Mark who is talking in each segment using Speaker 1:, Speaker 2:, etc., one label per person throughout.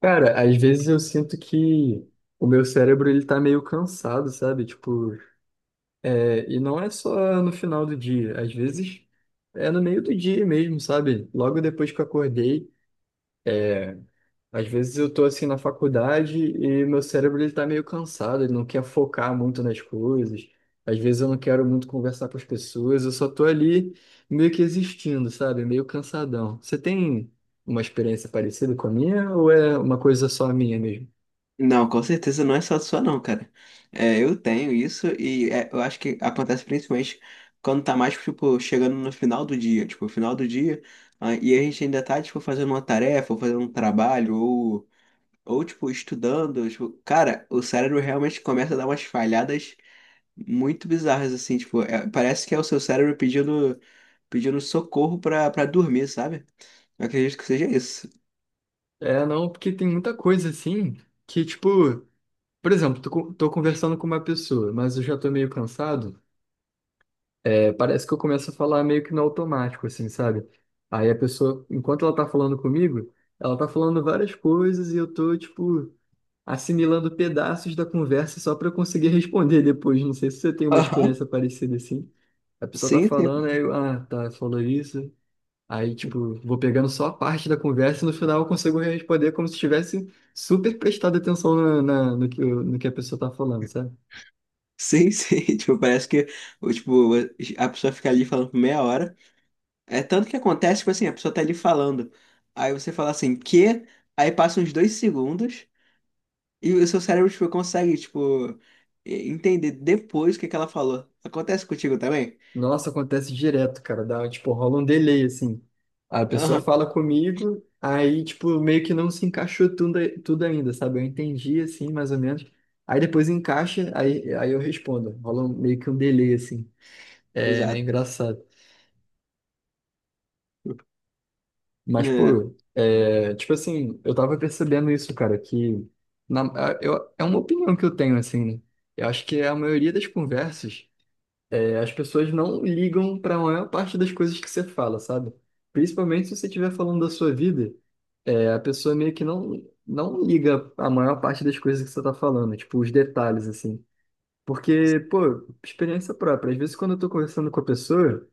Speaker 1: Cara, às vezes eu sinto que o meu cérebro ele tá meio cansado, sabe? Tipo, é, e não é só no final do dia, às vezes é no meio do dia mesmo, sabe? Logo depois que eu acordei, às vezes eu tô assim na faculdade e meu cérebro ele tá meio cansado, ele não quer focar muito nas coisas. Às vezes eu não quero muito conversar com as pessoas, eu só tô ali meio que existindo, sabe? Meio cansadão. Você tem uma experiência parecida com a minha ou é uma coisa só minha mesmo?
Speaker 2: Não, com certeza não é só sua não, cara. É, eu tenho isso e é, eu acho que acontece principalmente quando tá mais, tipo, chegando no final do dia, tipo, final do dia, e a gente ainda tá, tipo, fazendo uma tarefa, ou fazendo um trabalho, ou tipo, estudando, tipo, cara, o cérebro realmente começa a dar umas falhadas muito bizarras, assim, tipo, é, parece que é o seu cérebro pedindo socorro pra dormir, sabe? Eu acredito que seja isso.
Speaker 1: É, não, porque tem muita coisa assim que, tipo, por exemplo, tô conversando com uma pessoa, mas eu já tô meio cansado. É, parece que eu começo a falar meio que no automático, assim, sabe? Aí a pessoa, enquanto ela tá falando comigo, ela tá falando várias coisas e eu tô, tipo, assimilando pedaços da conversa só pra eu conseguir responder depois. Não sei se você tem uma
Speaker 2: Aham.
Speaker 1: experiência parecida assim. A pessoa tá
Speaker 2: Sim, sim.
Speaker 1: falando, aí eu, ah, tá, falou isso. Aí, tipo, vou pegando só a parte da conversa e no final eu consigo responder como se tivesse super prestado atenção no que, no que a pessoa tá falando, sabe?
Speaker 2: Sim, sim, tipo, parece que, o- tipo, a pessoa fica ali falando por meia hora. É tanto que acontece, tipo assim, a pessoa tá ali falando. Aí você fala assim, que? Aí passa uns 2 segundos e o seu cérebro, tipo, consegue, tipo, entender depois o que que ela falou. Acontece contigo também?
Speaker 1: Nossa, acontece direto, cara. Dá, tipo, rola um delay, assim. A pessoa
Speaker 2: Aham,
Speaker 1: fala comigo, aí, tipo, meio que não se encaixou tudo ainda, sabe? Eu entendi, assim, mais ou menos. Aí depois encaixa, aí eu respondo. Meio que um delay, assim. É meio
Speaker 2: exato.
Speaker 1: engraçado. Mas,
Speaker 2: É,
Speaker 1: pô, é, tipo assim, eu tava percebendo isso, cara, que na- é uma opinião que eu tenho, assim, né? Eu acho que a maioria das conversas, é, as pessoas não ligam pra maior parte das coisas que você fala, sabe? Principalmente se você estiver falando da sua vida, é, a pessoa meio que não, não liga a maior parte das coisas que você tá falando, tipo, os detalhes, assim. Porque, pô, experiência própria. Às vezes, quando eu tô conversando com a pessoa,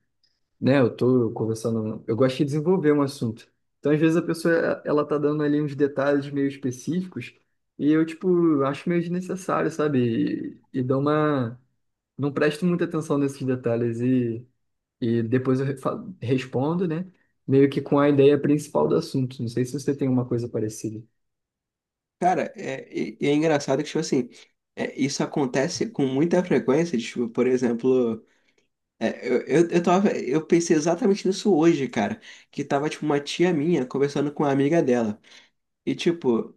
Speaker 1: né? Eu tô conversando, eu gosto de desenvolver um assunto. Então, às vezes a pessoa ela tá dando ali uns detalhes meio específicos e eu tipo acho meio desnecessário, sabe? E dou uma, não presto muita atenção nesses detalhes e depois eu respondo, né? Meio que com a ideia principal do assunto. Não sei se você tem uma coisa parecida.
Speaker 2: cara, e é engraçado que, tipo assim, é, isso acontece com muita frequência, tipo, por exemplo. É, eu pensei exatamente nisso hoje, cara. Que tava, tipo, uma tia minha conversando com uma amiga dela. E, tipo,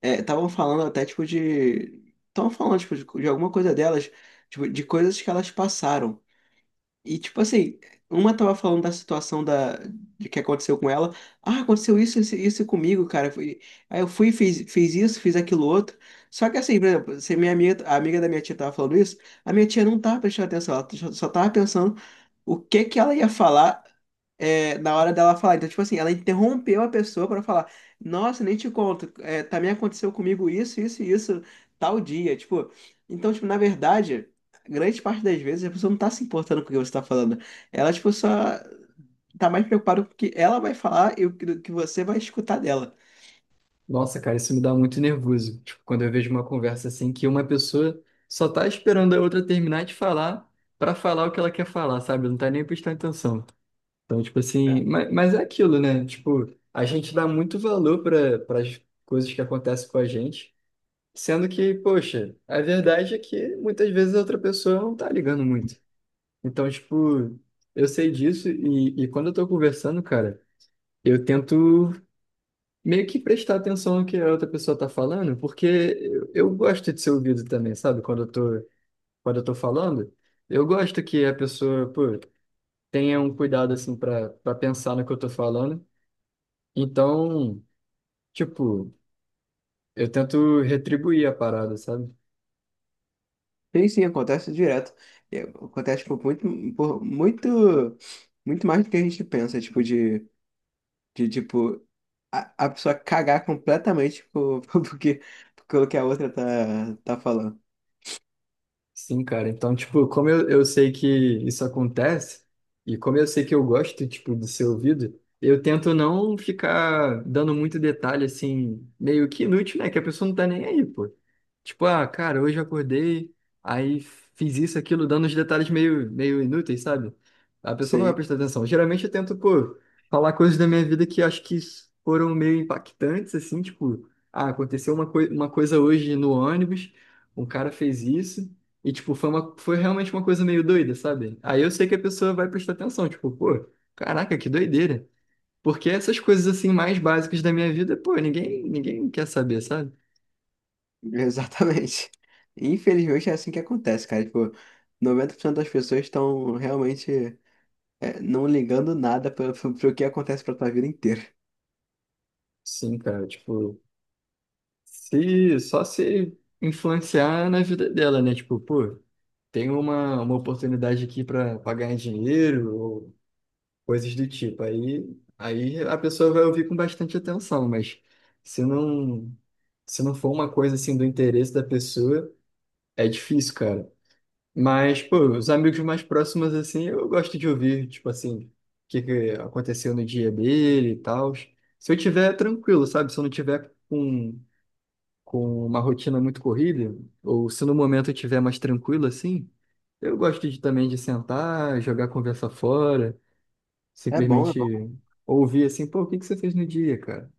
Speaker 2: é, estavam falando até, tipo, de. Estavam falando, tipo, de alguma coisa delas, tipo, de coisas que elas passaram. E tipo assim, uma tava falando de que aconteceu com ela. Ah, aconteceu isso, isso, isso comigo, cara. Aí eu fui, e fiz isso, fiz aquilo outro. Só que assim, por exemplo, se a amiga da minha tia tava falando isso, a minha tia não tava prestando atenção, ela só tava pensando o que que ela ia falar é, na hora dela falar. Então, tipo assim, ela interrompeu a pessoa pra falar: Nossa, nem te conto, é, também aconteceu comigo isso, isso e isso, tal dia. Tipo, então, tipo, na verdade, grande parte das vezes a pessoa não tá se importando com o que você tá falando. Ela, tipo, só tá mais preocupada com o que ela vai falar e o que, do que você vai escutar dela.
Speaker 1: Nossa, cara, isso me dá muito nervoso. Tipo, quando eu vejo uma conversa assim que uma pessoa só tá esperando a outra terminar de falar para falar o que ela quer falar, sabe? Não tá nem prestando atenção. Então, tipo assim,
Speaker 2: É.
Speaker 1: mas é aquilo, né? Tipo, a gente dá muito valor para as coisas que acontecem com a gente, sendo que, poxa, a verdade é que muitas vezes a outra pessoa não tá ligando muito. Então, tipo, eu sei disso e quando eu tô conversando, cara, eu tento meio que prestar atenção no que a outra pessoa tá falando, porque eu gosto de ser ouvido também, sabe? Quando eu tô falando, eu gosto que a pessoa, pô, tenha um cuidado, assim, para pensar no que eu tô falando. Então, tipo, eu tento retribuir a parada, sabe?
Speaker 2: Sim, sim, acontece direto. É, acontece, tipo, muito, muito, muito mais do que a gente pensa, tipo, de tipo. A, a pessoa cagar completamente por, porque, pelo que a outra tá falando.
Speaker 1: Sim, cara. Então, tipo, como eu sei que isso acontece, e como eu sei que eu gosto, tipo, de ser ouvido, eu tento não ficar dando muito detalhe, assim, meio que inútil, né? Que a pessoa não tá nem aí, pô. Tipo, ah, cara, hoje eu acordei, aí fiz isso, aquilo, dando os detalhes meio inúteis, sabe? A pessoa não vai
Speaker 2: Sei,
Speaker 1: prestar atenção. Geralmente eu tento, pô, falar coisas da minha vida que acho que foram meio impactantes, assim, tipo, ah, aconteceu uma coisa hoje no ônibus, um cara fez isso. E, tipo, foi realmente uma coisa meio doida, sabe? Aí eu sei que a pessoa vai prestar atenção, tipo, pô, caraca, que doideira. Porque essas coisas, assim, mais básicas da minha vida, pô, ninguém quer saber, sabe?
Speaker 2: exatamente. Infelizmente é assim que acontece, cara. Tipo, 90% das pessoas estão realmente é, não ligando nada para pro, pro que acontece pra tua vida inteira.
Speaker 1: Sim, cara, tipo, se, só se influenciar na vida dela, né? Tipo, pô, tem uma oportunidade aqui pra ganhar dinheiro ou coisas do tipo. Aí a pessoa vai ouvir com bastante atenção, mas se não, se não for uma coisa, assim, do interesse da pessoa. É difícil, cara. Mas, pô, os amigos mais próximos, assim, eu gosto de ouvir, tipo assim, o que que aconteceu no dia dele e tal. Se eu tiver é tranquilo, sabe? Se eu não tiver com uma rotina muito corrida, ou se no momento eu tiver mais tranquilo, assim, eu gosto também de sentar, jogar a conversa fora,
Speaker 2: É bom, é bom.
Speaker 1: simplesmente ouvir, assim, pô, o que que você fez no dia, cara?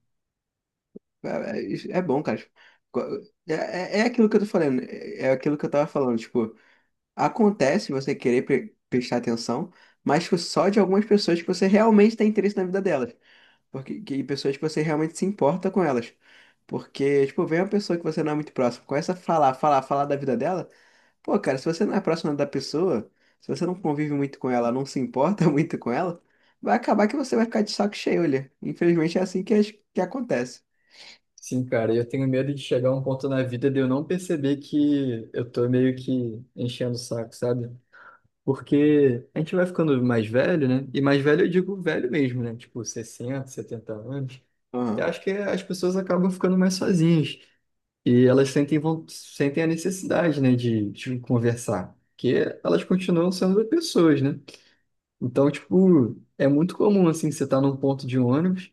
Speaker 2: É, é bom, cara. Tipo, co- é, é aquilo que eu tô falando, é aquilo que eu tava falando. Tipo, acontece você querer prestar atenção, mas tipo, só de algumas pessoas que você realmente tem interesse na vida delas. Porque, que pessoas que você realmente se importa com elas. Porque, tipo, vem uma pessoa que você não é muito próximo, começa a falar, falar, falar da vida dela. Pô, cara, se você não é próximo da pessoa, se você não convive muito com ela, não se importa muito com ela, vai acabar que você vai ficar de saco cheio, olha. Infelizmente é assim que acontece.
Speaker 1: Sim, cara, eu tenho medo de chegar a um ponto na vida de eu não perceber que eu tô meio que enchendo o saco, sabe? Porque a gente vai ficando mais velho, né? E mais velho eu digo velho mesmo, né? Tipo 60, 70 anos. Eu
Speaker 2: Aham.
Speaker 1: acho que as pessoas acabam ficando mais sozinhas. E elas sentem, sentem a necessidade, né, de conversar. Porque elas continuam sendo pessoas, né? Então, tipo, é muito comum, assim, você estar num ponto de ônibus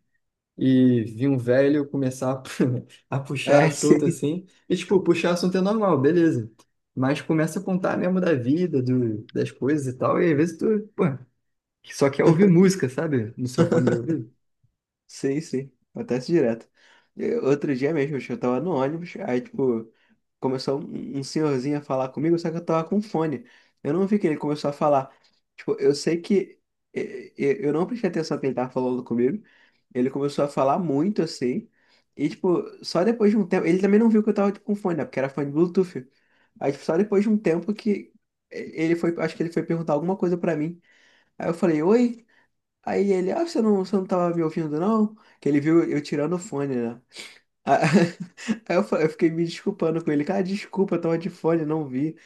Speaker 1: e vi um velho começar a a puxar
Speaker 2: É,
Speaker 1: assunto
Speaker 2: sim.
Speaker 1: assim. E, tipo, puxar assunto é normal, beleza. Mas começa a contar mesmo da vida, das coisas e tal. E às vezes tu, pô, só quer ouvir música, sabe? No seu fone de ouvido.
Speaker 2: Sei, sei. Acontece direto. Outro dia mesmo, acho que eu tava no ônibus, aí, tipo, começou um senhorzinho a falar comigo, só que eu tava com fone. Eu não vi que ele começou a falar. Tipo, eu sei que eu não prestei atenção que ele tava falando comigo. Ele começou a falar muito assim. E, tipo, só depois de um tempo. Ele também não viu que eu tava, tipo, com fone, né? Porque era fone Bluetooth. Aí, tipo, só depois de um tempo que ele foi. Acho que ele foi perguntar alguma coisa pra mim. Aí eu falei, oi. Aí ele, ah, você não tava me ouvindo, não? Que ele viu eu tirando o fone, né? Ah, Aí eu, eu fiquei me desculpando com ele. Cara, desculpa, eu tava de fone, não vi.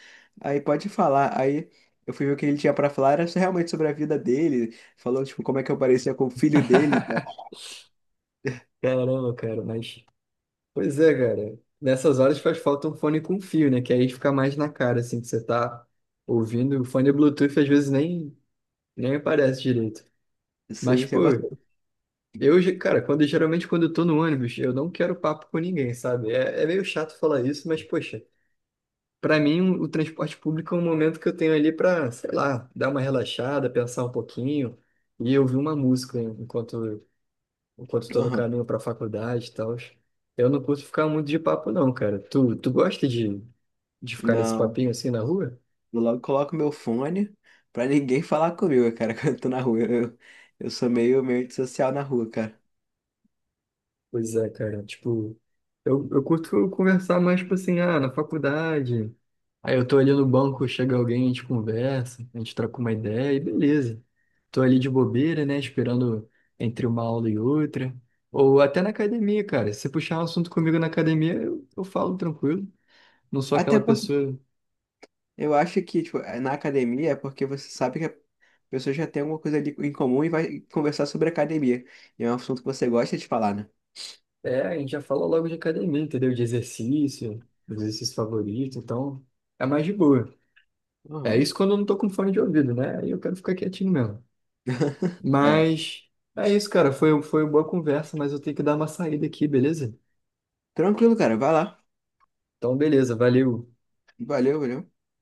Speaker 2: Aí pode falar. Aí eu fui ver o que ele tinha pra falar, era só realmente sobre a vida dele. Falou, tipo, como é que eu parecia com o filho dele e tal.
Speaker 1: Caramba, cara, mas. Pois é, cara. Nessas horas faz falta um fone com fio, né? Que aí fica mais na cara, assim, que você tá ouvindo. O fone Bluetooth às vezes nem aparece direito. Mas,
Speaker 2: Sim, você
Speaker 1: pô.
Speaker 2: gosta?
Speaker 1: Cara, quando geralmente quando eu tô no ônibus, eu não quero papo com ninguém, sabe? É meio chato falar isso, mas poxa, pra mim o transporte público é um momento que eu tenho ali pra, sei lá, dar uma relaxada, pensar um pouquinho e ouvir uma música enquanto tô no
Speaker 2: Aham.
Speaker 1: caminho pra faculdade e tal. Eu não curto ficar muito de papo não, cara. Tu gosta de ficar nesse
Speaker 2: Não,
Speaker 1: papinho assim na rua?
Speaker 2: eu logo coloco meu fone pra ninguém falar comigo, cara, quando eu tô na rua. Eu sou meio antissocial na rua, cara.
Speaker 1: Pois é, cara. Tipo, eu curto conversar mais, tipo assim, ah, na faculdade. Aí eu tô ali no banco, chega alguém, a gente conversa, a gente troca uma ideia e beleza. Tô ali de bobeira, né? Esperando entre uma aula e outra. Ou até na academia, cara. Se puxar um assunto comigo na academia, eu falo tranquilo. Não sou
Speaker 2: Até
Speaker 1: aquela pessoa.
Speaker 2: eu acho que, tipo, na academia é porque você sabe que a pessoa já tem alguma coisa ali em comum e vai conversar sobre academia. E é um assunto que você gosta de falar, né?
Speaker 1: É, a gente já fala logo de academia, entendeu? De exercício, dos exercícios favoritos, então é mais de boa. É
Speaker 2: Aham.
Speaker 1: isso quando eu não tô com fone de ouvido, né? Aí eu quero ficar quietinho mesmo.
Speaker 2: É.
Speaker 1: Mas é isso, cara. Foi uma boa conversa, mas eu tenho que dar uma saída aqui, beleza?
Speaker 2: Tranquilo, cara. Vai lá.
Speaker 1: Então, beleza, valeu.
Speaker 2: Valeu, valeu.